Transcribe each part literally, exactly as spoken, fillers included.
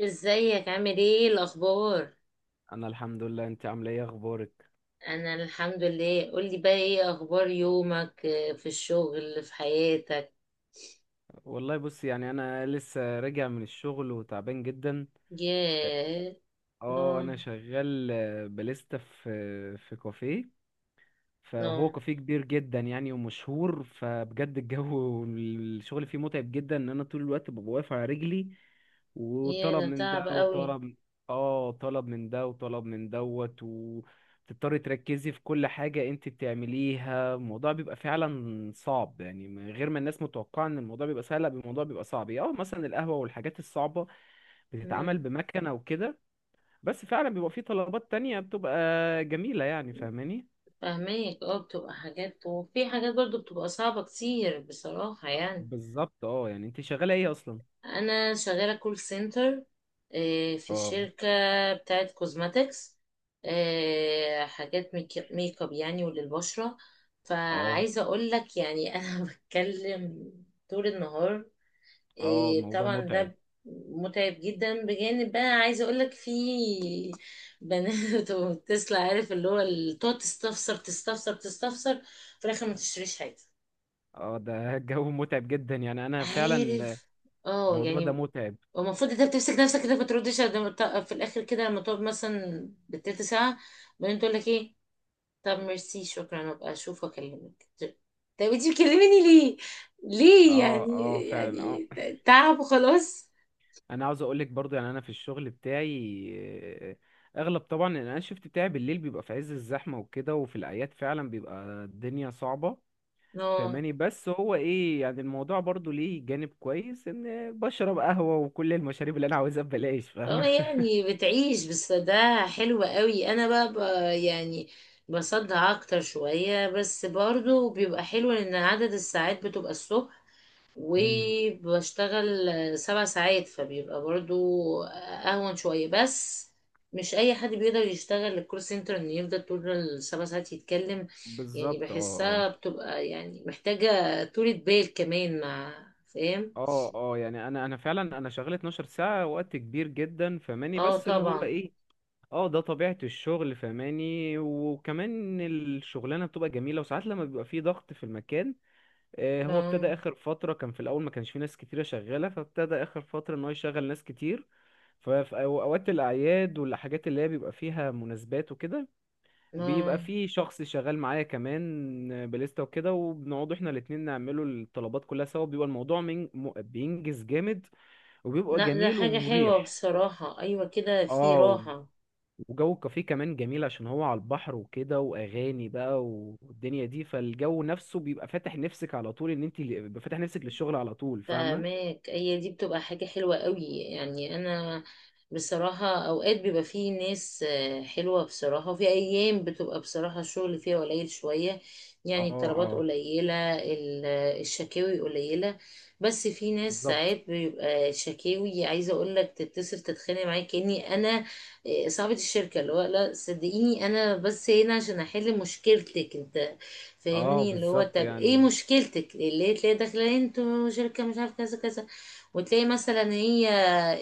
ازيك؟ عامل ايه؟ الاخبار؟ انا الحمد لله، انت عامله ايه؟ اخبارك؟ انا الحمد لله. قولي بقى، ايه اخبار يومك؟ آه، في الشغل، في حياتك. والله بص، يعني انا لسه راجع من الشغل وتعبان جدا. ياه. اه، اه. انا شغال آه، باليستا في آه، في كافيه. فهو اه. كافيه كبير جدا يعني ومشهور، فبجد الجو الشغل فيه متعب جدا، ان انا طول الوقت ببقى واقف على رجلي ياه، وطلب ده من ده تعب قوي. وطلب. اه، طلب من ده وطلب من دوت، وتضطري تركزي في كل حاجة انت بتعمليها. الموضوع بيبقى فعلا صعب يعني، من غير ما الناس متوقعة ان الموضوع بيبقى سهل. لا، الموضوع بيبقى صعب. اه، مثلا القهوة والحاجات الصعبة بتتعمل مم. بمكنة وكده. بس فعلا بيبقى فيه طلبات تانية بتبقى جميلة يعني، فاهماني؟ فاهماك. اه بتبقى حاجات، وفي حاجات برضو بتبقى صعبة كتير بصراحة يعني. بالظبط. اه، يعني انت شغاله ايه اصلا؟ انا شغاله كول سنتر في اه شركه بتاعه كوزماتكس، حاجات ميك ميك اب يعني وللبشره. اه فعايزه اقول لك يعني انا بتكلم طول النهار. اه آه، الموضوع طبعا متعب. ده متعب جدا. بجانب بقى عايزه اقول لك في بنات وتسلا، عارف اللي هو، ال- تقعد تستفسر تستفسر تستفسر، في الاخر ما تشتريش حاجه. اه ده الجو متعب جدا يعني، انا فعلا عارف؟ اه الموضوع ده يعني متعب. المفروض انت بتمسك نفسك كده ما تردش، لما ت- في الاخر كده لما تقعد مثلا بالتلت ساعه، بعدين تقول لك ايه؟ طب ميرسي شكرا ابقى اشوف واكلمك. طب انت بتكلميني ليه؟ ليه اه يعني؟ اه فعلا اه. يعني ت- تعب وخلاص. انا عاوز اقولك برضو، يعني انا في الشغل بتاعي آه، اغلب طبعا ان انا الشفت بتاعي بالليل بيبقى في عز الزحمه وكده، وفي الاعياد فعلا بيبقى الدنيا صعبه اه فاهماني؟ بس هو ايه يعني، الموضوع برضو ليه جانب كويس، ان بشرب قهوه وكل المشاريب اللي انا عاوزها ببلاش، اه فاهمه؟ يعني بتعيش، بس ده حلو قوي. انا بقى، بقى يعني بصدع اكتر شويه، بس برضو بيبقى حلو لان عدد الساعات بتبقى الصبح امم وبشتغل سبع ساعات، فبيبقى برضو اهون شوية. بس مش اي حد بيقدر يشتغل الكول سنتر انه يفضل طول السبع ساعات يتكلم. يعني بالظبط. اه اه بحسها بتبقى يعني محتاجة طولة بال كمان مع. فاهم؟ اه اه يعني انا انا فعلا انا شغال 12 ساعة، وقت كبير جدا فماني، اه بس اللي هو طبعا. ايه، اه ده طبيعة الشغل فماني. وكمان الشغلانة بتبقى جميلة، وساعات لما بيبقى فيه ضغط في المكان، آه هو ابتدى اه اخر فترة. كان في الاول ما كانش فيه ناس كتيرة شغالة، فابتدى اخر فترة ان هو يشغل ناس كتير. ففي اوقات الاعياد والحاجات اللي هي بيبقى فيها مناسبات وكده، بيبقى اه. في شخص شغال معايا كمان بليستا وكده، وبنقعد احنا الاتنين نعمله الطلبات كلها سوا. بيبقى الموضوع من... م- بينجز جامد وبيبقى لا ده جميل حاجة حلوة ومريح. بصراحة. ايوه كده في اه و- راحة. وجو الكافيه كمان جميل، عشان هو على البحر وكده واغاني بقى والدنيا دي، فالجو نفسه بيبقى فاتح نفسك على طول، ان انت اللي- بيبقى فاتح نفسك للشغل على طول، فاهمة؟ فاهماك. هي دي بتبقى حاجة حلوة قوي يعني. أنا بصراحة أوقات بيبقى فيه ناس آه، حلوة بصراحة، وفي أيام بتبقى بصراحة الشغل فيها قليل شوية. اه يعني الطلبات اه قليلة، ال- الشكاوي قليلة. بس في ناس بالظبط. ساعات بيبقى شكاوي، عايزة أقولك، تتصل تتخانق معايا كأني أنا آه، صاحبة الشركة. اللي هو لا صدقيني أنا بس هنا عشان أحل مشكلتك أنت، اه فاهمني؟ اللي هو بالظبط طب ايه يعني. مشكلتك اللي هي تلاقي داخله انتوا شركه مش عارف كذا كذا. وتلاقي مثلا هي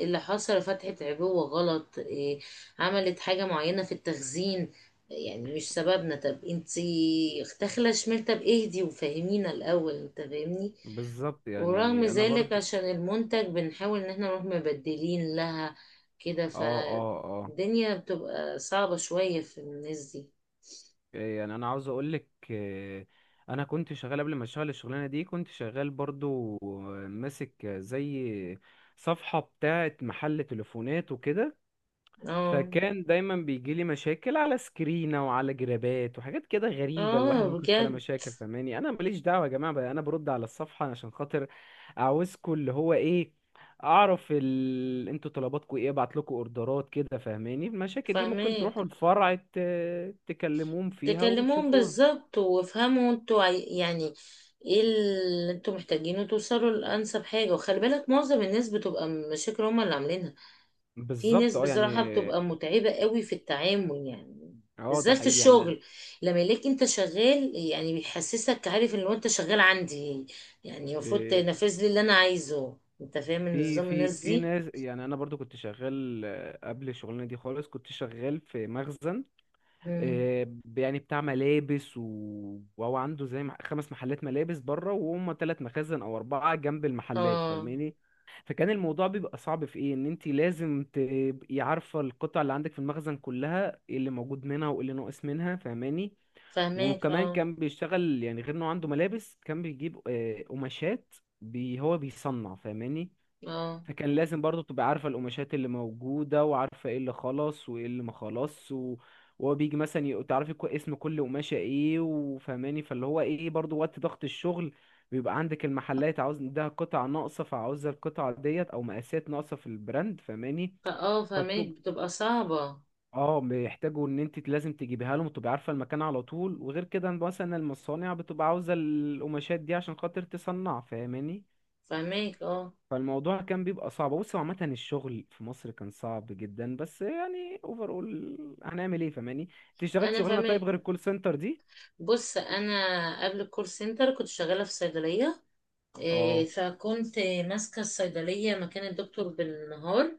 اللي حصل فتحت عبوه غلط، إيه، عملت حاجه معينه في التخزين. يعني مش سببنا. طب انتي داخله شمال، طب اهدي وفهمينا الاول، انت فاهمني؟ بالظبط ورغم يعني انا ذلك برضو. عشان المنتج بنحاول ان احنا نروح مبدلين لها كده. اه اه اه فالدنيا بتبقى صعبة شوية في الناس دي. إيه، يعني انا عاوز اقول لك، انا كنت شغال قبل ما اشتغل الشغلانه دي، كنت شغال برضو آه، ماسك آه، زي صفحه بتاعه محل تليفونات وكده. اه فكان دايما بيجي لي مشاكل على سكرينة وعلى جرابات وحاجات كده غريبة الواحد اه. ممكن يشوف عليها بجد. مشاكل، فاهماني؟ انا ماليش دعوة يا جماعة بقى، انا برد على الصفحة عشان خاطر عاوزكوا اللي هو ايه، اعرف ال... انتوا طلباتكوا ايه، ابعت لكم اوردرات كده فاهماني. المشاكل دي ممكن فاهمين. تروحوا الفرع ت... تكلموهم فيها تكلموهم وتشوفوها. بالظبط وافهموا انتوا عاي- يعني ايه اللي انتوا محتاجينه، توصلوا لانسب حاجه. وخلي بالك معظم الناس بتبقى مشاكل هما اللي عاملينها. في بالظبط ناس اه يعني. بصراحه بتبقى متعبه قوي في التعامل يعني، اه ده بالذات في حقيقي يعني. الشغل لما يلاقيك انت شغال يعني بيحسسك، عارف، ان هو انت شغال عندي، يعني المفروض إيه، تنفذ لي اللي انا عايزه. انت فاهم في النظام في الناس في دي. ناس، يعني انا برضو كنت شغال آه، قبل الشغلانه دي خالص كنت شغال في مخزن. مم. آه، يعني بتاع ملابس و... وهو عنده زي مح- خمس محلات ملابس بره، وهم تلات مخازن او اربعه جنب المحلات اه فاهماني. فكان الموضوع بيبقى صعب في ايه، ان انت لازم تبقي عارفه القطع اللي عندك في المخزن كلها، ايه اللي موجود منها وايه اللي ناقص منها فاهماني. فاهماك. وكمان اه كان بيشتغل يعني، غير انه عنده ملابس كان بيجيب آه، قماشات بي هو بيصنع فاهماني. اه. فكان لازم برضو تبقى عارفة القماشات اللي موجودة، وعارفة ايه اللي خلص وايه اللي ما خلص و... وهو بيجي مثلا ي- تعرفي كو- اسم كل قماشة ايه وفهماني. فاللي هو ايه، برضو وقت ضغط الشغل بيبقى عندك المحلات عاوز عندها قطع ناقصة، فعاوزة القطعة ديت او مقاسات ناقصة في البراند فهماني. فاه فاهماك فبتبقى بتبقى صعبه. اه، بيحتاجوا ان انت لازم تجيبيها لهم، وتبقى عارفة المكان على طول. وغير كده مثلا المصانع بتبقى عاوزة القماشات دي عشان خاطر تصنع فاهماني. فاهماك اه. فالموضوع كان بيبقى صعب. بص هو عامة الشغل في مصر كان صعب جدا، بس يعني اوفر اول هنعمل ايه فاهماني. انت اشتغلت انا شغلانة طيب فاهمك. غير الكول سنتر دي؟ بص انا قبل الكول سنتر كنت شغاله في صيدليه. إيه، اه. فكنت ماسكه الصيدليه مكان الدكتور بالنهار.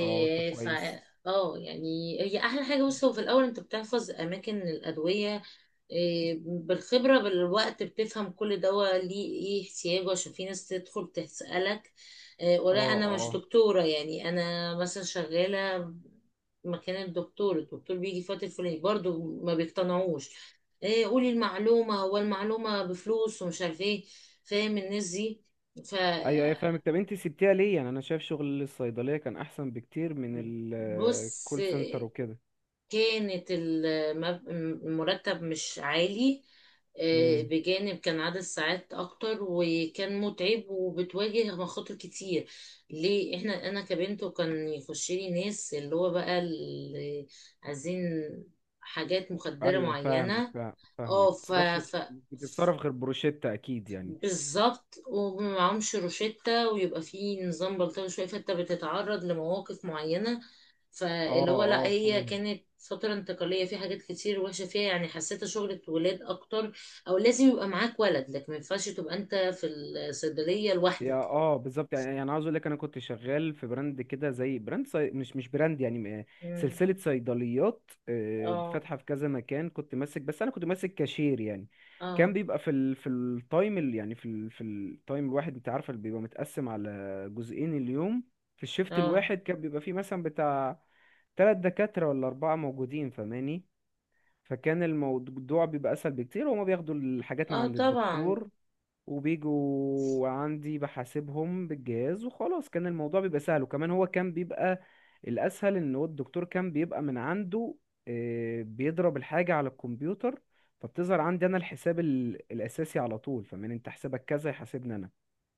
اه طب ف. كويس. اه يعني هي احلى حاجه. بص هو في الاول انت بتحفظ اماكن الادويه، إيه، بالخبره بالوقت بتفهم كل دواء ليه ايه احتياجه. عشان في ناس تدخل تسالك، إيه، اه ولا انا مش اه دكتوره، يعني انا مثلا شغاله مكان الدكتور الدكتور بيجي في وقت الفلاني، برضه ما بيقتنعوش، إيه، قولي المعلومه، هو المعلومه بفلوس، ومش عارف ايه. فاهم الناس دي. ف. ايوه ايوه فاهمك. طب انت سبتيها ليه؟ يعني انا شايف شغل الصيدلية كان احسن بكتير من بص الكول سنتر وكده. كانت المب- المرتب مش عالي. آه، امم بجانب كان عدد ساعات اكتر وكان متعب، وبتواجه مخاطر كتير. ليه؟ احنا انا كبنت، وكان يخش لي ناس اللي هو بقى اللي عايزين حاجات مخدرة ايوه فاهمك، معينة. فاهم- فاهمك اه ف, متتصرفش، ف. مش بتتصرف غير بروشيتا اكيد يعني. بالظبط، ومعهمش روشتة، ويبقى في نظام بلطجي شوية، فانت بتتعرض لمواقف معينة. اه فاللي هو لا، اه هي فاهم. كانت فترة انتقالية، في حاجات كتير وحشة فيها يعني، حسيتها شغلة ولاد أكتر. أو لازم يبقى معاك ولد لك، ما ينفعش تبقى أنت في الصيدلية يا لوحدك. اه بالظبط يعني، يعني عاوز اقول لك، انا كنت شغال في براند كده زي براند صي... مش مش براند يعني آه، مم. سلسله صيدليات آه، اه فاتحه في كذا مكان. كنت ماسك، بس انا كنت ماسك كاشير يعني. كان اه بيبقى في ال... في التايم ال... يعني في ال... في التايم الواحد، انت عارفه اللي بيبقى متقسم على جزئين اليوم. في الشيفت اه. الواحد كان بيبقى فيه مثلا بتاع تلات دكاتره ولا اربعه موجودين فماني، فكان الموضوع بيبقى اسهل بكتير. وهما بياخدوا الحاجات من اه عند طبعا. الدكتور وبيجوا عندي بحاسبهم بالجهاز وخلاص. كان الموضوع بيبقى سهل، وكمان هو كان بيبقى الأسهل إن هو الدكتور كان بيبقى من عنده آه، بيضرب الحاجة على الكمبيوتر، فبتظهر عندي أنا الحساب ال- الأساسي على طول، فمن أنت حسابك كذا يحاسبني أنا.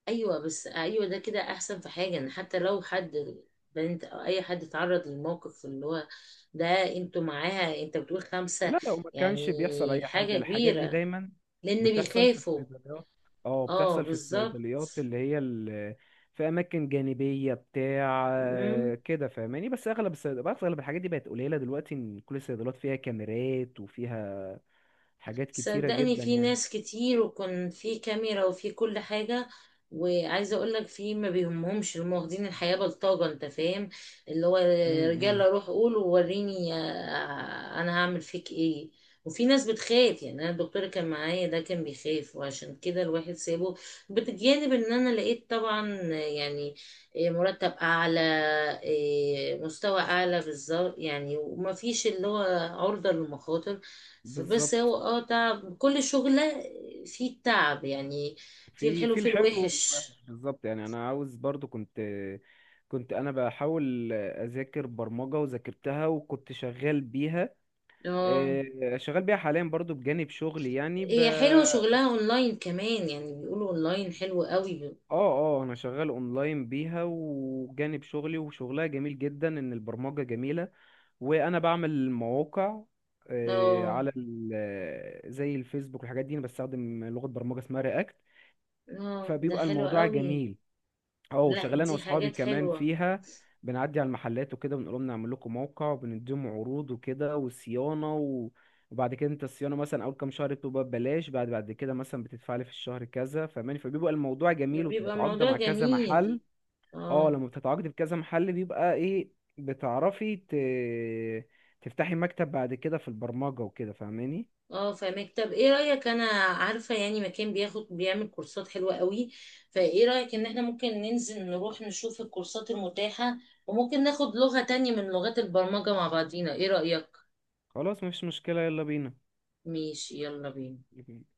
ايوه، بس ايوه ده كده احسن في حاجه، ان حتى لو حد بنت او اي حد اتعرض للموقف اللي هو ده، انتوا معاها، انت بتقول خمسه لا لو ما كانش بيحصل اي يعني حاجه، حاجه الحاجات دي كبيره، دايما لان بتحصل في بيخافوا. الصيدليات. اه اه بتحصل في بالظبط. الصيدليات اللي هي ال- في اماكن جانبيه بتاع آه، كده فاهماني. بس اغلب الصيدليات اغلب الحاجات دي بقت قليله دلوقتي، ان كل الصيدليات فيها كاميرات وفيها حاجات كتيره صدقني جدا في يعني. ناس كتير وكان في كاميرا وفي كل حاجة. وعايزة اقولك في ما بيهمهمش، هم واخدين الحياة بلطجة، انت فاهم؟ اللي هو امم رجالة، روح قول ووريني، آه، آه، انا هعمل فيك ايه. وفي ناس بتخاف. يعني انا الدكتور كان معايا ده كان بيخاف، وعشان كده الواحد سابه. بتجانب ان انا لقيت طبعا يعني، إيه، مرتب اعلى، إيه، مستوى اعلى بالظبط يعني، وما فيش اللي هو عرضة للمخاطر. بس بالظبط. هو اه تعب كل شغلة فيه التعب يعني، فيه في الحلو في فيه الحلو الوحش. والوحش بالظبط يعني، انا عاوز برضو كنت كنت انا بحاول اذاكر برمجه وذاكرتها، وكنت شغال بيها اه، آه، شغال بيها حاليا برضو بجانب شغلي يعني ب... هي حلوة شغلها اونلاين كمان يعني، بيقولوا اونلاين حلو قوي. اه اه انا شغال اونلاين بيها وجانب شغلي. وشغلها جميل جدا، ان البرمجة جميلة، وانا بعمل مواقع آه، اه على ال... آه، زي الفيسبوك والحاجات دي. انا بستخدم لغة برمجة اسمها رياكت، اه ده فبيبقى حلو الموضوع قوي. جميل. اه لا شغال انا دي واصحابي حاجات كمان حلوة. فيها. بنعدي على المحلات وكده بنقول لهم نعمل لكم موقع، وبنديهم عروض وكده وصيانه و... وبعد كده انت الصيانه مثلا اول كام شهر بتبقى ببلاش، بعد بعد كده مثلا بتدفع لي في الشهر كذا فاهماني. فبيبقى الموضوع جميل بيبقى وبتتعاقد موضوع مع كذا جميل. محل. اه اه لما بتتعاقد بكذا محل بيبقى ايه، بتعرفي ت... تفتحي مكتب بعد كده في البرمجه وكده فاهماني. اه فاهمك. طب ايه رأيك، انا عارفة يعني مكان بياخد بيعمل كورسات حلوة قوي، فايه رأيك ان احنا ممكن ننزل نروح نشوف الكورسات المتاحة، وممكن ناخد لغة تانية من لغات البرمجة مع بعضينا؟ ايه رأيك؟ خلاص مفيش مشكله، يلا بينا. ماشي، يلا بينا.